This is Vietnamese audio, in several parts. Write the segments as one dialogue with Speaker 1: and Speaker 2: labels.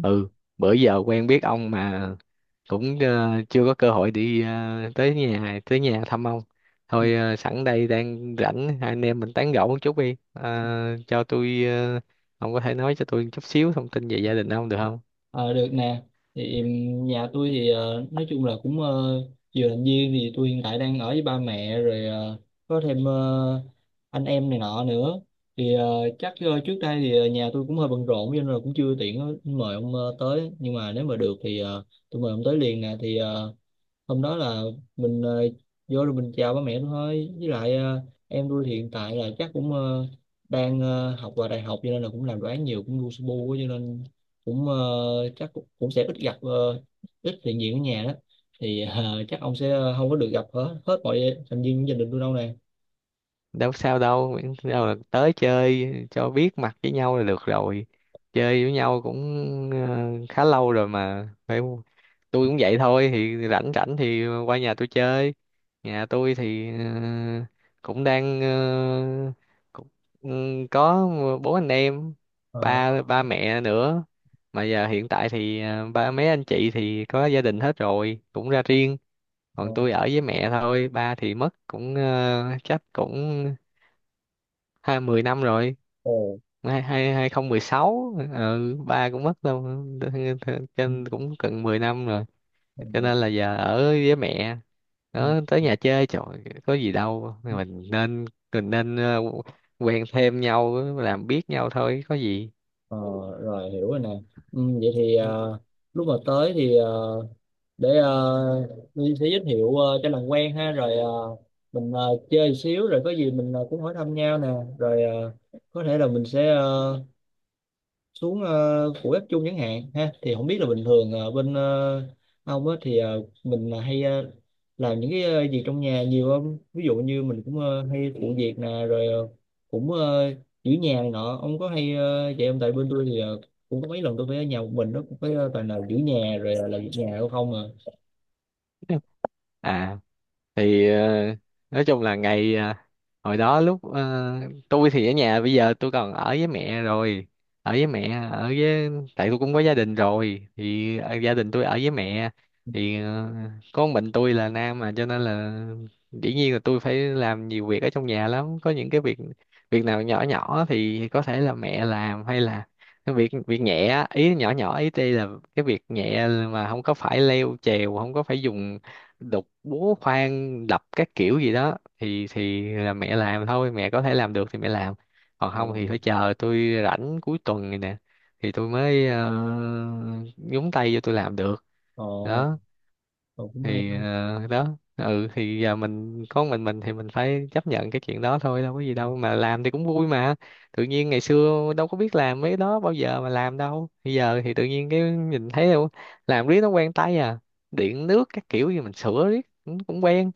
Speaker 1: Ừ, bữa giờ quen biết ông mà cũng chưa có cơ hội đi tới nhà thăm ông. Thôi, sẵn đây đang rảnh, hai anh em mình tán gẫu một chút đi. Ờ, cho tôi ờ, ông có thể nói cho tôi chút xíu thông tin về gia đình ông được không?
Speaker 2: Ờ, được nè. Thì nhà tôi thì nói chung là vừa làm viên thì tôi hiện tại đang ở với ba mẹ rồi, có thêm anh em này nọ nữa. Thì ờ, chắc ờ, trước đây thì ờ, nhà tôi cũng hơi bận rộn cho nên là cũng chưa tiện mời ông tới, nhưng mà nếu mà được thì tôi mời ông tới liền nè. Thì hôm đó là mình vô rồi mình chào ba mẹ thôi, với lại em tôi thì hiện tại là chắc cũng ờ, đang ờ, học vào đại học, cho nên là cũng làm đồ án nhiều, cũng lu su bu á, cho nên cũng ờ, chắc cũng sẽ ít gặp, ít hiện diện ở nhà đó. Thì chắc ông sẽ không có được gặp hết hết mọi thành viên gia đình tôi đâu nè.
Speaker 1: Đâu sao đâu, miễn đâu là tới chơi cho biết mặt với nhau là được rồi. Chơi với nhau cũng khá lâu rồi mà, phải không? Tôi cũng vậy thôi, thì rảnh rảnh thì qua nhà tôi chơi. Nhà tôi thì cũng đang cũng, ừ, có bốn anh em,
Speaker 2: Ờ.
Speaker 1: ba ba mẹ nữa. Mà giờ hiện tại thì ba mấy anh chị thì có gia đình hết rồi, cũng ra riêng.
Speaker 2: Ờ.
Speaker 1: Còn tôi ở với mẹ thôi, ba thì mất cũng chắc cũng 20 năm rồi.
Speaker 2: Ồ.
Speaker 1: 2016, ừ, ba cũng mất đâu
Speaker 2: Ừ.
Speaker 1: trên cũng gần 10 năm rồi.
Speaker 2: Ờ.
Speaker 1: Cho
Speaker 2: Ừ.
Speaker 1: nên là giờ ở với mẹ. Nó tới nhà chơi trời, có gì đâu,
Speaker 2: Ừ.
Speaker 1: mình nên quen thêm nhau làm biết nhau thôi, có gì.
Speaker 2: Ờ, rồi hiểu rồi nè. Ừ, vậy thì lúc mà tới thì ờ, để Nhi sẽ giới thiệu cho làm quen ha, rồi mình chơi xíu rồi có gì mình cũng hỏi thăm nhau nè. Rồi có thể là mình sẽ xuống của bếp chung chẳng hạn ha. Thì không biết là bình thường ông á thì mình là hay làm những cái việc trong nhà nhiều không? Ví dụ như mình cũng hay phụ việc nè, rồi cũng ờ, giữ nhà này nọ. Ông có hay vậy không? Tại bên tôi thì cũng có mấy lần tôi phải ở nhà một mình đó, cũng phải toàn là giữ nhà rồi là làm việc nhà đâu không à.
Speaker 1: À thì nói chung là ngày hồi đó lúc tôi thì ở nhà, bây giờ tôi còn ở với mẹ rồi, ở với mẹ, ở với. Tại tôi cũng có gia đình rồi thì gia đình tôi ở với mẹ. Thì có một mình tôi là nam mà cho nên là dĩ nhiên là tôi phải làm nhiều việc ở trong nhà lắm, có những cái việc. Việc nào nhỏ nhỏ thì có thể là mẹ làm, hay là cái việc việc nhẹ á, ý nhỏ nhỏ ý đây là cái việc nhẹ mà không có phải leo trèo, không có phải dùng đục búa khoan đập các kiểu gì đó, thì là mẹ làm thôi, mẹ có thể làm được thì mẹ làm. Còn
Speaker 2: Ừ.
Speaker 1: không thì phải chờ tôi rảnh cuối tuần này nè, thì tôi mới nhúng tay vô, tôi làm được.
Speaker 2: Ồ,
Speaker 1: Đó
Speaker 2: cậu cũng hay
Speaker 1: thì
Speaker 2: thôi.
Speaker 1: đó. Ừ, thì giờ mình có mình thì mình phải chấp nhận cái chuyện đó thôi, đâu có gì đâu, mà làm thì cũng vui mà. Tự nhiên ngày xưa đâu có biết làm mấy cái đó bao giờ mà làm đâu, bây giờ thì tự nhiên cái nhìn thấy đâu, làm riết nó quen tay à. Điện nước các kiểu gì mình sửa riết cũng cũng quen.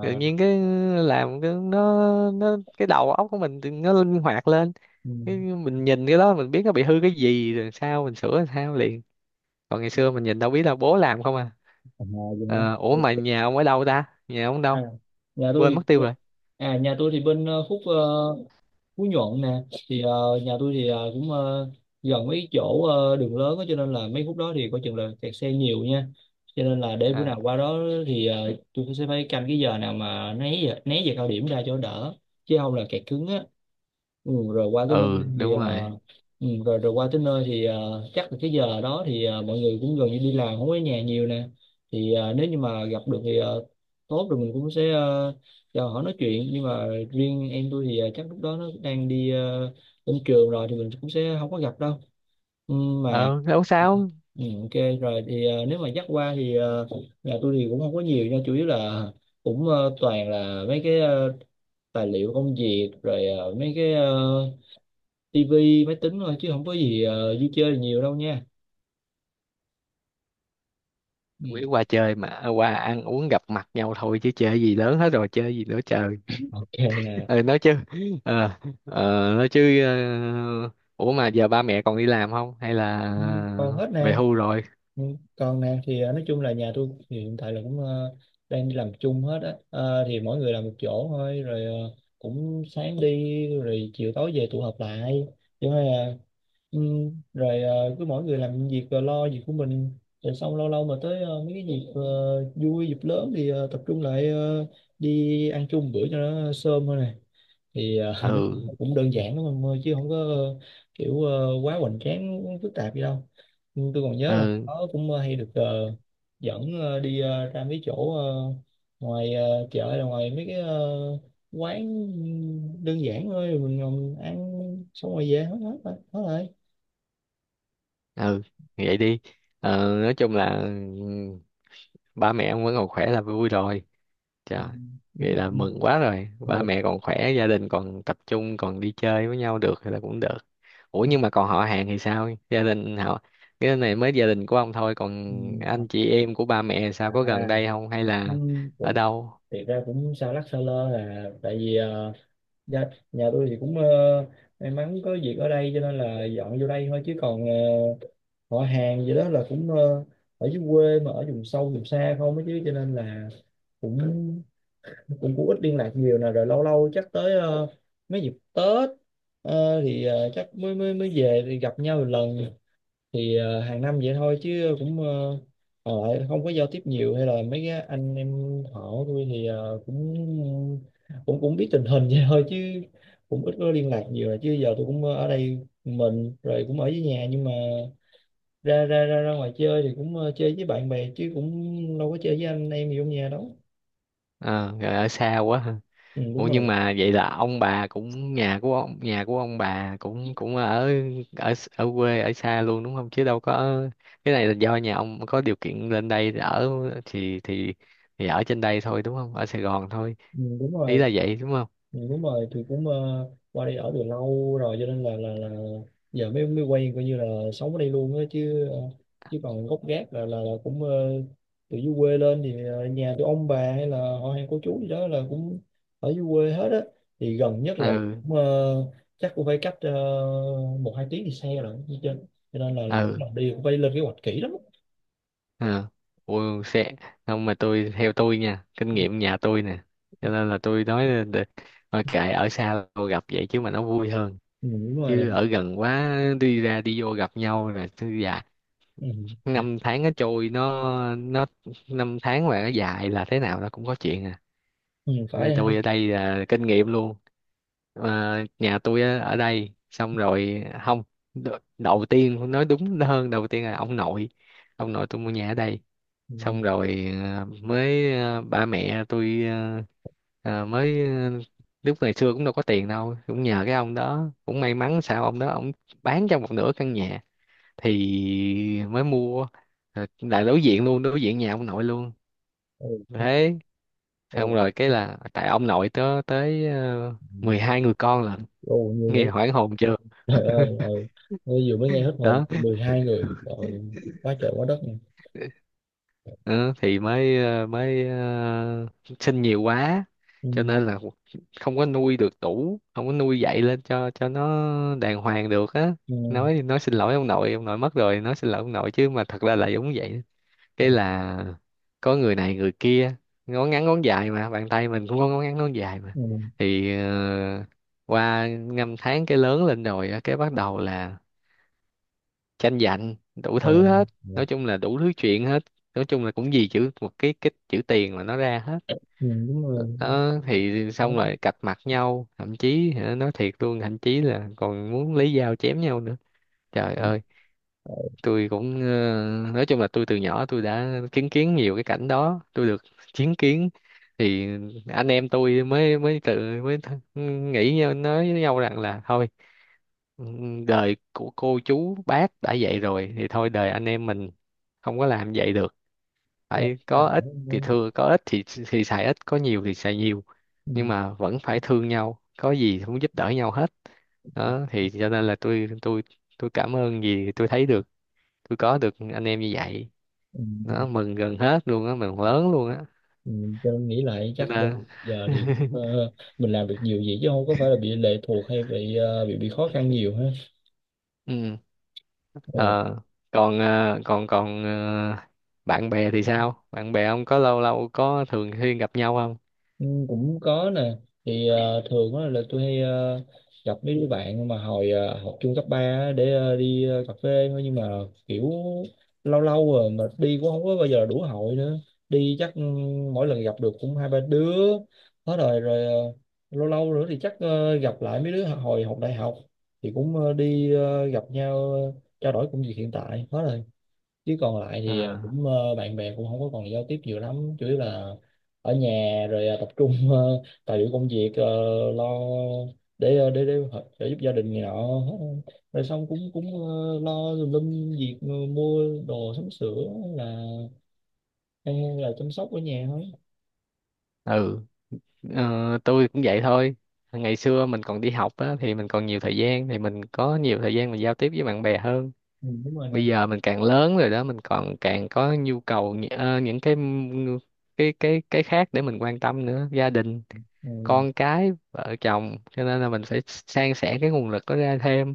Speaker 1: Tự nhiên cái làm cái nó cái đầu óc của mình thì nó linh hoạt lên.
Speaker 2: ừ.
Speaker 1: Cái mình nhìn cái đó mình biết nó bị hư cái gì rồi, sao mình sửa làm sao liền. Còn ngày xưa mình nhìn đâu biết, là bố làm không à.
Speaker 2: Ở nhà gì đó.
Speaker 1: Ủa
Speaker 2: Ừ.
Speaker 1: mà nhà ông ở đâu ta? Nhà ông
Speaker 2: À,
Speaker 1: đâu?
Speaker 2: nhà tôi
Speaker 1: Quên mất
Speaker 2: thì
Speaker 1: tiêu
Speaker 2: bên-
Speaker 1: rồi.
Speaker 2: à, nhà tôi thì bên Phú Nhuận nè. Thì nhà tôi thì gần mấy chỗ đường lớn á, cho nên là mấy khúc đó thì coi chừng là kẹt xe nhiều nha. Cho nên là để bữa
Speaker 1: À,
Speaker 2: nào qua đó thì tôi sẽ phải canh cái giờ nào mà né giờ cao điểm ra cho đỡ, chứ không là kẹt cứng á. Ừ, rồi qua tới nơi
Speaker 1: ừ,
Speaker 2: thì
Speaker 1: đúng rồi.
Speaker 2: ờ, ừ, rồi rồi qua tới nơi thì chắc là cái giờ đó thì mọi người cũng gần như đi làm, không có ở nhà nhiều nè. Thì nếu như mà gặp được thì tốt rồi, mình cũng sẽ uh, cho họ nói chuyện. Nhưng mà riêng em tôi thì chắc lúc đó nó đang đi lên trường rồi, thì mình cũng sẽ không có gặp đâu. Ừ, mà
Speaker 1: Ờ, Đâu sao.
Speaker 2: ừ, ok rồi. Thì nếu mà dắt qua thì nhà tôi thì cũng không có nhiều nha, chủ yếu là toàn là mấy cái tài liệu công việc, rồi mấy cái tivi máy tính thôi, chứ không có gì vui chơi nhiều đâu nha. Ừ.
Speaker 1: Quỷ qua chơi mà, qua ăn uống gặp mặt nhau thôi chứ chơi gì lớn hết rồi, chơi gì nữa trời.
Speaker 2: Ok nè.
Speaker 1: Ờ, nói chứ, ờ, nói chứ, ờ, ủa mà giờ ba mẹ còn đi làm không? Hay là
Speaker 2: Ừ, còn hết
Speaker 1: về
Speaker 2: nè.
Speaker 1: hưu rồi?
Speaker 2: Ừ. Còn nè. Thì nói chung là nhà tôi thì hiện tại là đang đi làm chung hết á. Ờ, thì mỗi người làm một chỗ thôi, rồi cũng sáng đi rồi chiều tối về tụ họp lại chứ mà. Ừ, rồi cứ mỗi người làm việc rồi lo việc của mình, rồi xong lâu lâu mà tới mấy cái dịp vui, dịp lớn thì tập trung lại đi ăn chung bữa cho nó sơm thôi nè. Thì
Speaker 1: Ừ,
Speaker 2: nó cũng đơn giản lắm em ơi, chứ không có quá hoành tráng phức tạp gì đâu. Nhưng tôi còn nhớ là
Speaker 1: ừ,
Speaker 2: nó cũng hay được dẫn ra mấy chỗ ngoài chợ, hay là ngoài mấy cái quán đơn giản thôi. Mình ngồi ăn xong rồi về hết hết rồi hết rồi.
Speaker 1: ừ, vậy đi. Nói chung là, ừ, ba mẹ ông vẫn còn khỏe là vui rồi.
Speaker 2: Ừ,
Speaker 1: Trời,
Speaker 2: đúng
Speaker 1: vậy
Speaker 2: rồi.
Speaker 1: là mừng quá rồi.
Speaker 2: Ừ.
Speaker 1: Ba mẹ còn khỏe, gia đình còn tập trung, còn đi chơi với nhau được thì là cũng được. Ủa nhưng mà còn họ hàng thì sao? Gia đình họ, cái này mới gia đình của ông thôi, còn
Speaker 2: Ừ. Thật.
Speaker 1: anh chị em của ba mẹ sao, có gần đây không hay
Speaker 2: Ừ,
Speaker 1: là ở
Speaker 2: cũng-
Speaker 1: đâu?
Speaker 2: thiệt ra cũng xa lắc xa lơ, là tại vì dạ, nhà tôi thì may mắn có việc ở đây cho nên là dọn vô đây thôi, chứ còn họ hàng gì đó là ở dưới quê mà ở vùng sâu vùng xa không ấy chứ, cho nên là cũng cũng cũng ít liên lạc nhiều nè. Rồi lâu lâu chắc tới mấy dịp Tết, thì chắc mới mới mới về thì gặp nhau một lần. Thì hàng năm vậy thôi, chứ cũng còn lại không có giao tiếp nhiều. Hay là mấy cái anh em họ của tôi thì cũng cũng cũng biết tình hình vậy thôi, chứ cũng ít có liên lạc nhiều. Là chứ giờ tôi cũng ở đây mình rồi, cũng ở với nhà, nhưng mà ra ra ra ra ngoài chơi thì cũng chơi với bạn bè, chứ cũng đâu có chơi với anh em gì trong nhà đâu.
Speaker 1: Ờ, Rồi ở xa quá.
Speaker 2: Ừ, đúng
Speaker 1: Ủa nhưng
Speaker 2: rồi.
Speaker 1: mà vậy là ông bà cũng, nhà của ông, nhà của ông bà cũng cũng ở ở ở quê, ở xa luôn đúng không, chứ đâu có. Cái này là do nhà ông có điều kiện lên đây để ở, thì thì thì ở trên đây thôi đúng không, ở Sài Gòn thôi,
Speaker 2: Ừ, đúng
Speaker 1: ý
Speaker 2: rồi.
Speaker 1: là vậy đúng không.
Speaker 2: Ừ, đúng rồi. Thì cũng qua đây ở từ lâu rồi, cho nên là giờ mới mới quen, coi như là sống ở đây luôn á, chứ ờ, chứ còn gốc gác là cũng từ dưới quê lên. Thì nhà từ ông bà hay là họ hàng cô chú gì đó là cũng ở dưới quê hết á. Thì gần nhất là
Speaker 1: Ừ,
Speaker 2: cũng, chắc cũng phải cách một hai tiếng thì xe rồi chứ trên, cho nên là một
Speaker 1: ừ,
Speaker 2: lần đi cũng phải lên kế hoạch kỹ lắm.
Speaker 1: ừ. Ủa, sẽ không, mà tôi, theo tôi nha, kinh
Speaker 2: Ừ,
Speaker 1: nghiệm nhà tôi nè. Cho nên là tôi nói là thôi kệ, ở xa tôi gặp vậy chứ mà nó vui hơn.
Speaker 2: đúng rồi.
Speaker 1: Chứ ở gần quá, đi ra đi vô gặp nhau là, dạ,
Speaker 2: Ừ.
Speaker 1: năm tháng nó trôi, nó năm tháng mà nó dài là thế nào nó cũng có chuyện à.
Speaker 2: Ừ,
Speaker 1: Như
Speaker 2: phải ha.
Speaker 1: tôi ở đây là kinh nghiệm luôn. Ờ, Nhà tôi á, ở đây xong rồi không, đầu tiên, nói đúng hơn, đầu tiên là ông nội, ông nội tôi mua nhà ở đây.
Speaker 2: Ừ.
Speaker 1: Xong rồi mới ba mẹ tôi, mới, lúc ngày xưa cũng đâu có tiền đâu, cũng nhờ cái ông đó, cũng may mắn sao ông đó ông bán cho một nửa căn nhà thì mới mua. Rồi là đối diện luôn, đối diện nhà ông nội luôn
Speaker 2: Ừ.
Speaker 1: thế. Xong
Speaker 2: Ừ.
Speaker 1: rồi cái là tại ông nội tớ tới uh, 12 người con lận.
Speaker 2: Ồ, nhiều dữ.
Speaker 1: Nghe hoảng hồn chưa,
Speaker 2: Trời ơi. Ừ. Tôi vừa mới nghe hết hồn
Speaker 1: đó.
Speaker 2: 12 người rồi. Quá trời quá đất nha.
Speaker 1: Ờ, thì mới sinh nhiều quá,
Speaker 2: Ừ.
Speaker 1: cho nên là không có nuôi được đủ, không có nuôi dạy lên cho nó đàng hoàng được á.
Speaker 2: Ừ.
Speaker 1: Nói xin lỗi ông nội, ông nội mất rồi nói xin lỗi ông nội, chứ mà thật ra là giống vậy.
Speaker 2: Ừ.
Speaker 1: Cái là có người này người kia, ngón ngắn ngón dài mà, bàn tay mình cũng có ngón ngắn ngón dài mà.
Speaker 2: Ừ.
Speaker 1: Thì qua năm tháng cái lớn lên rồi á, cái bắt đầu là tranh giành đủ
Speaker 2: Ờ.
Speaker 1: thứ hết.
Speaker 2: Ừ.
Speaker 1: Nói chung là đủ thứ chuyện hết. Nói chung là cũng vì chữ một cái chữ tiền mà nó ra hết.
Speaker 2: Ừ, đúng rồi.
Speaker 1: Đó thì xong
Speaker 2: Có-
Speaker 1: rồi cạch mặt nhau, thậm chí hả, nói thiệt luôn, thậm chí là còn muốn lấy dao chém nhau nữa, trời ơi.
Speaker 2: ờ,
Speaker 1: Tôi cũng nói chung là tôi từ nhỏ tôi đã chứng kiến nhiều cái cảnh đó, tôi được chứng kiến. Thì anh em tôi mới mới tự, mới nói với nhau rằng là thôi. Ừ, đời của cô chú bác đã vậy rồi thì thôi, đời anh em mình không có làm vậy được. Phải
Speaker 2: ừ.
Speaker 1: có ít thì thưa, có ít thì xài ít, có nhiều thì xài nhiều.
Speaker 2: Ừ.
Speaker 1: Nhưng mà vẫn phải thương nhau, có gì cũng giúp đỡ nhau hết. Đó thì cho nên là tôi cảm ơn vì tôi thấy được tôi có được anh em như vậy.
Speaker 2: Ừ.
Speaker 1: Nó mừng gần hết luôn á, mừng
Speaker 2: Ờ.
Speaker 1: lớn luôn á,
Speaker 2: Ừ. Tôi nghĩ lại
Speaker 1: cho
Speaker 2: chắc đâu
Speaker 1: nên
Speaker 2: giờ thì mình làm được nhiều vậy, chứ không có phải là bị lệ thuộc, hay bị khó khăn nhiều ha.
Speaker 1: ừ.
Speaker 2: Ờ.
Speaker 1: ờ, ờ, còn còn ờ, bạn bè thì sao, bạn bè ông có lâu lâu có thường xuyên gặp nhau không?
Speaker 2: Ừ, cũng có nè. Thì thường á là tôi hay gặp mấy đứa bạn mà hồi học chung cấp 3 á, để cà phê thôi, nhưng mà kiểu lâu lâu rồi, mà đi cũng không có bao giờ đủ hội nữa. Đi chắc ừ, mỗi lần gặp được cũng hai ba đứa hết rồi. Rồi lâu lâu nữa thì chắc gặp lại mấy đứa hồi học đại học. Thì cũng gặp nhau, trao đổi công việc hiện tại hết rồi. Chứ còn lại thì à,
Speaker 1: Ờ,
Speaker 2: cũng bạn bè cũng không có còn giao tiếp nhiều lắm, chủ yếu là ở nhà. Rồi à, tập trung tài liệu công việc, lo, để trợ giúp gia đình này nọ. Rồi xong cũng cũng ờ, lo tùm lum việc, mua đồ sắm sửa, hay là hay chăm sóc ở nhà thôi.
Speaker 1: ừ. Ờ, tôi cũng vậy thôi. Ngày xưa mình còn đi học á thì mình còn nhiều thời gian, thì mình có nhiều thời gian mình giao tiếp với bạn bè hơn.
Speaker 2: Ừ, đúng rồi
Speaker 1: Bây
Speaker 2: nè.
Speaker 1: giờ mình càng lớn rồi đó, mình còn càng có nhu cầu những cái khác để mình quan tâm nữa, gia đình
Speaker 2: Ừ.
Speaker 1: con cái vợ chồng, cho nên là mình phải san sẻ cái nguồn lực đó ra thêm.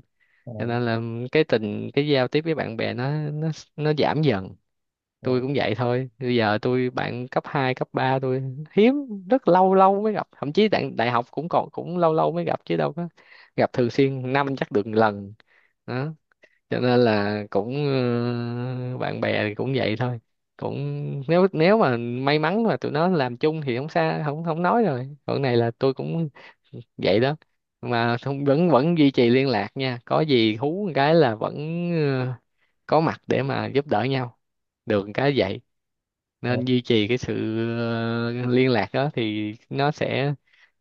Speaker 1: Cho nên
Speaker 2: Ồ.
Speaker 1: là cái tình cái giao tiếp với bạn bè nó giảm dần. Tôi
Speaker 2: Ồ.
Speaker 1: cũng vậy thôi, bây giờ tôi bạn cấp 2 cấp 3 tôi hiếm, rất lâu lâu mới gặp, thậm chí đại học cũng còn cũng lâu lâu mới gặp chứ đâu có gặp thường xuyên, năm chắc được một lần. Đó cho nên là cũng ờ, bạn bè thì cũng vậy thôi, cũng nếu nếu mà may mắn mà tụi nó làm chung thì không xa không không nói rồi, còn này là tôi cũng vậy đó. Mà không, vẫn vẫn duy trì liên lạc nha, có gì hú một cái là vẫn ờ, có mặt để mà giúp đỡ nhau được một cái vậy.
Speaker 2: Ồ.
Speaker 1: Nên duy trì cái sự liên lạc đó thì nó sẽ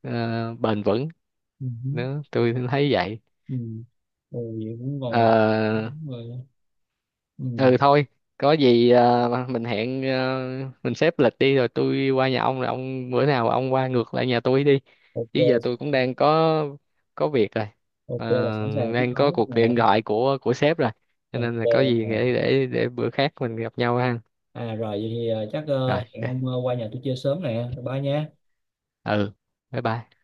Speaker 1: bền vững.
Speaker 2: Ừ.
Speaker 1: Đó tôi thấy vậy.
Speaker 2: Ừ. Ừ, vậy cũng còn
Speaker 1: Ờ,
Speaker 2: đúng rồi. Ừ.
Speaker 1: ừ thôi, có gì mình hẹn mình xếp lịch đi, rồi tôi qua nhà ông, rồi ông bữa nào ông qua ngược lại nhà tôi đi. Chứ giờ
Speaker 2: Ok.
Speaker 1: tôi cũng đang có việc rồi.
Speaker 2: Ok
Speaker 1: Ờ,
Speaker 2: là sẵn sàng tiếp
Speaker 1: đang có
Speaker 2: đón
Speaker 1: cuộc
Speaker 2: nè.
Speaker 1: điện thoại của sếp rồi, cho
Speaker 2: Ok
Speaker 1: nên là có gì
Speaker 2: nè.
Speaker 1: để bữa khác mình gặp nhau ha.
Speaker 2: À rồi vậy thì
Speaker 1: Rồi,
Speaker 2: hẹn
Speaker 1: ok.
Speaker 2: ông qua nhà tôi chơi sớm nè. Ba nha.
Speaker 1: Ừ, bye bye.